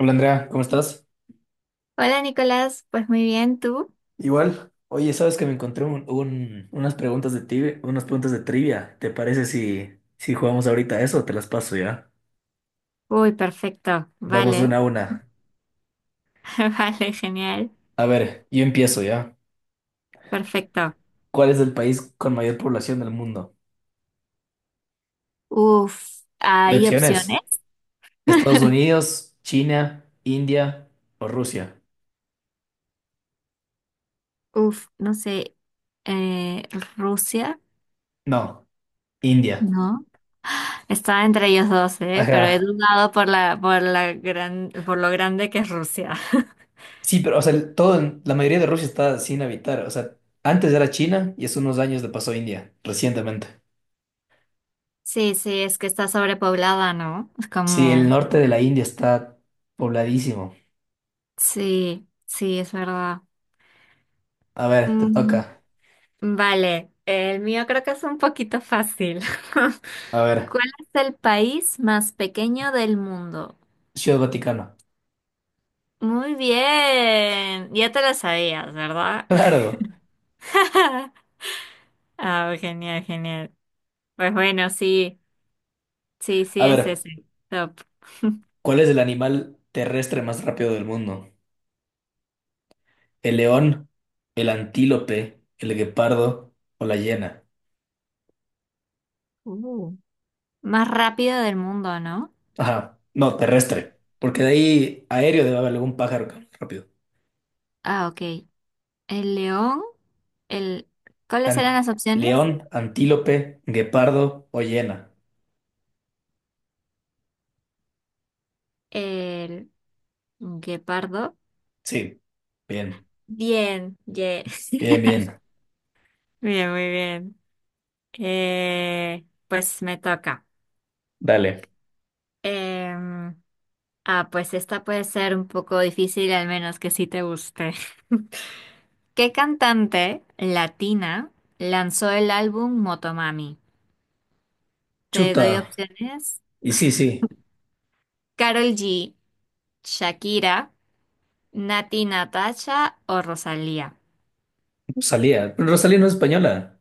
Hola Andrea, ¿cómo estás? Hola Nicolás, pues muy bien, ¿tú? Igual, oye, sabes que me encontré unas preguntas de trivia. ¿Te parece si jugamos ahorita a eso? Te las paso ya. Uy, perfecto, Vamos vale, una. vale, genial, A ver, yo empiezo ya. perfecto. ¿Cuál es el país con mayor población del mundo? Uf, ¿hay opciones? Opciones: Estados Unidos, China, India o Rusia. Uf, no sé, eh, Rusia, No, India. ¿no? Estaba entre ellos dos, ¿eh? Pero he Ajá. dudado por la gran, por lo grande que es Rusia. Sí, pero o sea, la mayoría de Rusia está sin habitar. O sea, antes era China y hace unos años le pasó a India, recientemente. Sí, sí, es que está sobrepoblada, ¿no? Es Sí, el como, norte de la India está pobladísimo. sí, sí, es verdad. A ver, te Mm, toca. vale, el mío creo que es un poquito fácil. A ver, ¿Cuál es el país más pequeño del mundo? Ciudad Vaticano. Muy bien, ya te lo sabías, ¿verdad? Claro. Ah, genial, genial. Pues bueno, sí, sí, sí A es ver, ese. Top. ¿cuál es el animal terrestre más rápido del mundo? ¿El león, el antílope, el guepardo o la hiena? Uh, Más rápido del mundo, ¿no? Ajá, no, terrestre. Porque de ahí aéreo debe haber algún pájaro que hable rápido. Ah, ok. El león, el... ¿Cuáles eran An- las opciones? león, antílope, guepardo o hiena. El guepardo. Sí, bien, Bien, yeah. bien, bien. Bien, muy bien. Pues me toca. Dale. Em, Ah, pues esta puede ser un poco difícil, al menos que sí te guste. ¿Qué cantante latina lanzó el álbum Motomami? Te doy Chuta. opciones. Y sí, sí, Carol G, Shakira, Nati Natasha o Rosalía. Rosalía. Pero Rosalía no es española.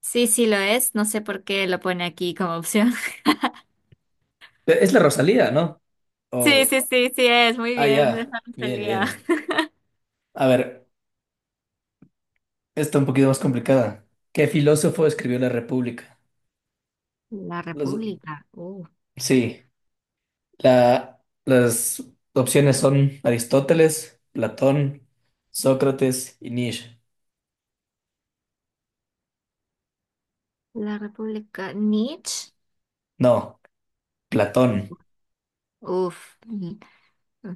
Sí, sí lo es. No sé por qué lo pone aquí como opción. Es la Rosalía, ¿no? Sí, Oh, sí, sí, sí es. Muy ah, bien, es ya. la Bien, Rosalía. bien. A ver, está un poquito más complicada. ¿Qué filósofo escribió La República? La Los- República. Sí, las opciones son Aristóteles, Platón, Sócrates y Nietzsche. La República. Nietzsche. No, Platón, Uf.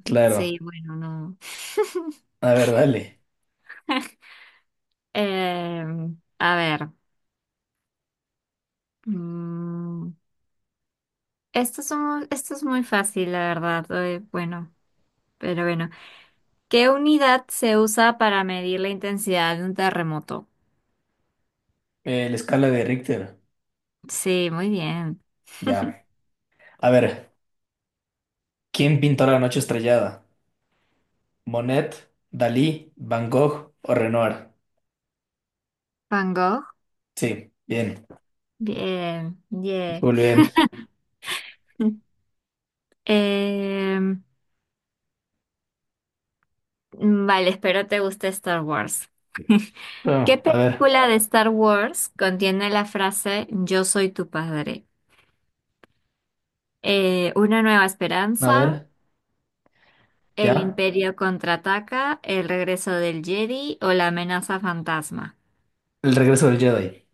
claro. Sí, bueno, no. A ver, dale. Eh, a ver, mm, esto es, esto es muy fácil, la verdad. Bueno, pero bueno. ¿Qué unidad se usa para medir la intensidad de un terremoto? La escala de Richter. Sí, muy bien. Ya. A ver, ¿quién pintó La Noche Estrellada? ¿Monet, Dalí, Van Gogh o Renoir? Van Gogh. Sí, bien. Bien, yeah. Muy bien. Eh, vale, espero te guste Star Wars. ¿Qué Ah, película de Star Wars contiene la frase Yo soy tu padre? Una nueva a esperanza, ver, El ya. Imperio contraataca, el regreso del Jedi o la amenaza fantasma. El regreso del Jedi.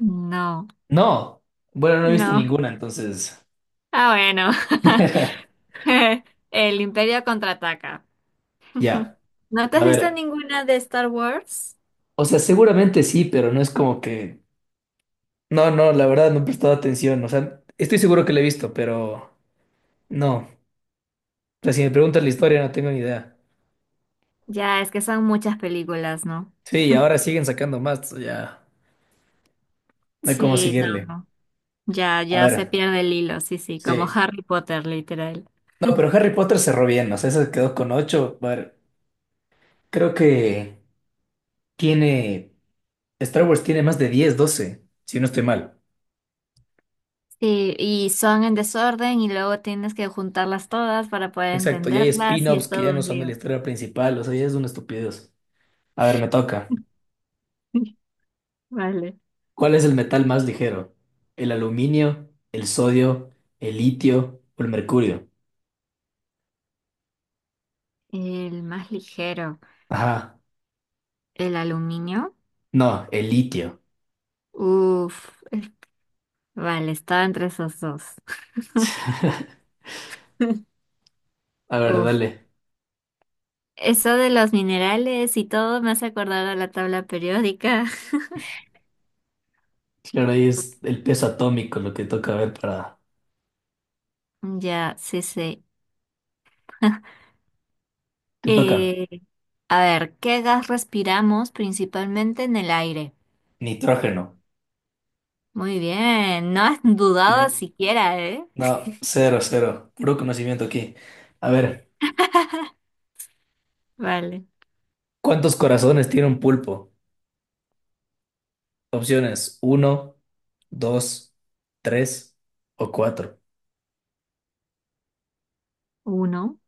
No, No, bueno, no he visto no. ninguna, entonces. Ah, bueno. El Imperio contraataca. Ya, ¿No te has a visto ver. ninguna de Star Wars? O sea, seguramente sí, pero no es como que. No, no, la verdad no he prestado atención. O sea, estoy seguro que la he visto, pero no. O sea, si me preguntas la historia, no tengo ni idea. Ya, es que son muchas películas, ¿no? Sí, y ahora siguen sacando más, ya. No hay cómo Sí, no. seguirle. No. Ya, A ya se ver, pierde el hilo, sí, sí, como sí. Harry Potter, literal. No, pero Harry Potter cerró bien, o sea, se quedó con ocho. A ver, creo que tiene. Star Wars tiene más de 10, 12, si no estoy mal. Sí, y son en desorden y luego tienes que juntarlas todas para poder Exacto, y hay entenderlas y es spin-offs que ya todo no un son de la lío. historia principal, o sea, ya es una estupidez. A ver, me toca. Vale. ¿Cuál es el metal más ligero? ¿El aluminio, el sodio, el litio o el mercurio? El más ligero, Ajá, el aluminio. no, el litio. Uf, vale, estaba entre esos dos. A ver, Uf, dale. eso de los minerales y todo me hace acordar a la tabla periódica. Claro, ahí es el peso atómico lo que toca ver para... Ya, sí, sí. Te toca. Eh, a ver, ¿qué gas respiramos principalmente en el aire? Nitrógeno. Muy bien, no has dudado Sí. siquiera, ¿eh? No, cero, cero. Puro conocimiento aquí. A ver, Vale, ¿cuántos corazones tiene un pulpo? Opciones: uno, dos, 3 o cuatro. uno.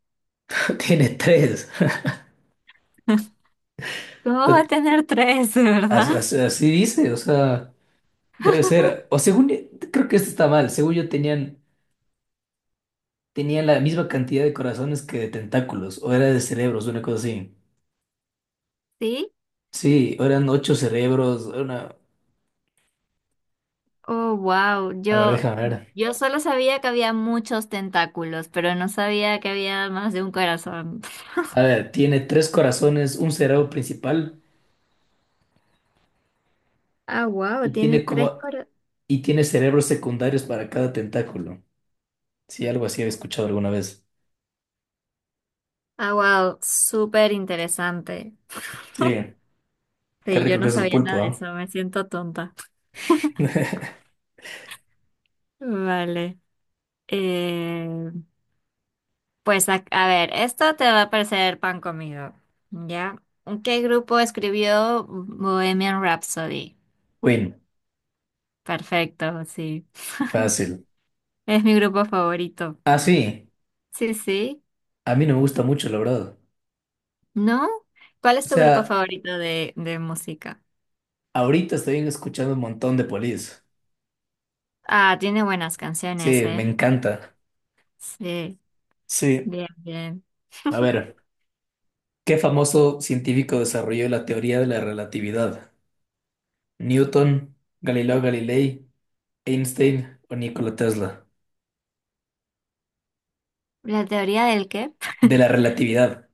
Tiene tres. ¿Cómo va a tener tres, de verdad? Así, así dice, o sea, debe ser. O según, creo que esto está mal. Según yo tenían la misma cantidad de corazones que de tentáculos, o era de cerebros, una cosa así. Sí, Sí, o eran 8 cerebros, una... oh, wow. A ver, déjame ver. Yo solo sabía que había muchos tentáculos, pero no sabía que había más de un corazón. A ver, tiene 3 corazones, un cerebro principal Ah, wow, y tiene tiene tres como... corazones. y tiene cerebros secundarios para cada tentáculo. Sí, algo así he escuchado alguna vez. Ah, wow, súper interesante. Sí. Qué Sí, yo rico que no es el sabía nada pulpo, de ¿ah? eso, me siento tonta. Vale. Eh, pues a ver, esto te va a parecer pan comido, ¿ya? ¿Qué grupo escribió Bohemian Rhapsody? Win, Perfecto, sí. fácil. Es mi grupo favorito. Ah, sí, Sí, sí. a mí no me gusta mucho, la verdad. ¿No? ¿Cuál O es tu grupo sea, favorito de música? ahorita estoy escuchando un montón de polis. Ah, tiene buenas canciones, Sí, me ¿eh? encanta. Sí, Sí, bien, bien. a ver, ¿qué famoso científico desarrolló la teoría de la relatividad? ¿Newton, Galileo Galilei, Einstein o Nikola Tesla? ¿La teoría del qué? De la relatividad.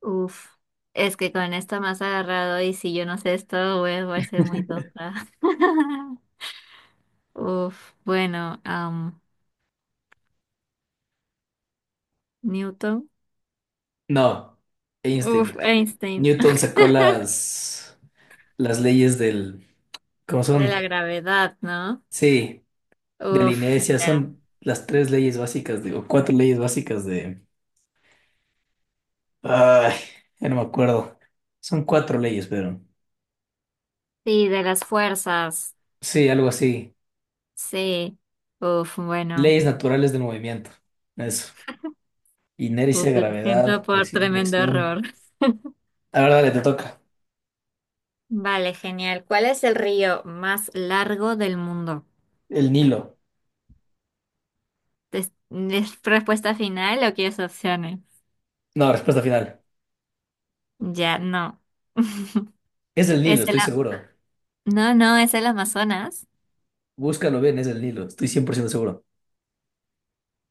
Uf, es que con esto más agarrado y si yo no sé esto, voy a ser muy tonta. Uf, bueno, Newton. No, Uf, Einstein. Einstein. Newton sacó las leyes del... ¿Cómo De la son? gravedad, ¿no? Sí. De la Uf, inercia, ya. son las tres leyes básicas, digo, cuatro leyes básicas de... Ay, ya no me acuerdo. Son cuatro leyes, pero... Sí, de las fuerzas. Sí, algo así. Sí. Uf, bueno. Leyes naturales del movimiento. Eso. Inercia, Uf, lo siento gravedad, por acción, tremendo reacción. error. La verdad, le te toca. Vale, genial. ¿Cuál es el río más largo del mundo? El Nilo. Es respuesta final o quieres opciones? No, respuesta final. Ya, no. Es el Es Nilo, el, estoy seguro. no, no, es el Amazonas. Búscalo bien, es el Nilo. Estoy 100% seguro.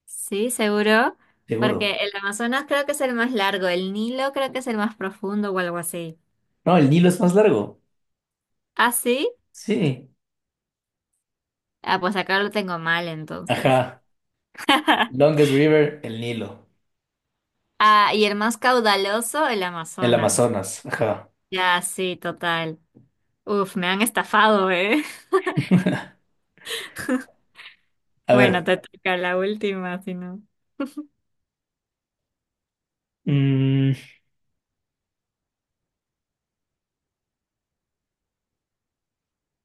Sí, seguro. Porque Seguro. el Amazonas creo que es el más largo, el Nilo creo que es el más profundo o algo así. No, el Nilo es más largo. ¿Ah, sí? Sí. Ah, pues acá lo tengo mal entonces. Ajá. Longest River, el Nilo. Ah, y el más caudaloso, el El Amazonas. Amazonas. Ajá. Ya, sí, total. Uf, me han estafado, ¿eh? A Bueno, ver. te toca la última, si no. Mm,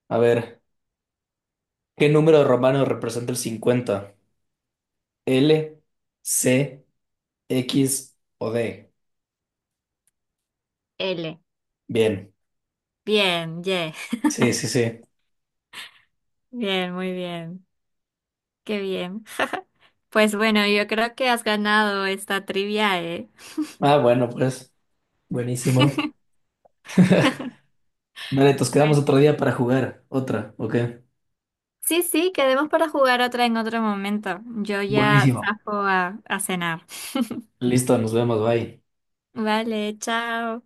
a ver, ¿qué número romano representa el 50? ¿L, C, X o D? L. Bien, Bien, yeah. sí, sí, sí. Bien, muy bien. Qué bien. Pues bueno, yo creo que has ganado esta trivia, ¿eh? Ah, bueno, pues, buenísimo. Vale, nos Pues quedamos otro día para jugar. Otra, ok. sí, sí, quedemos para jugar otra en otro momento. Yo ya Buenísimo. zafo a cenar. Listo, nos vemos, bye. Vale, chao.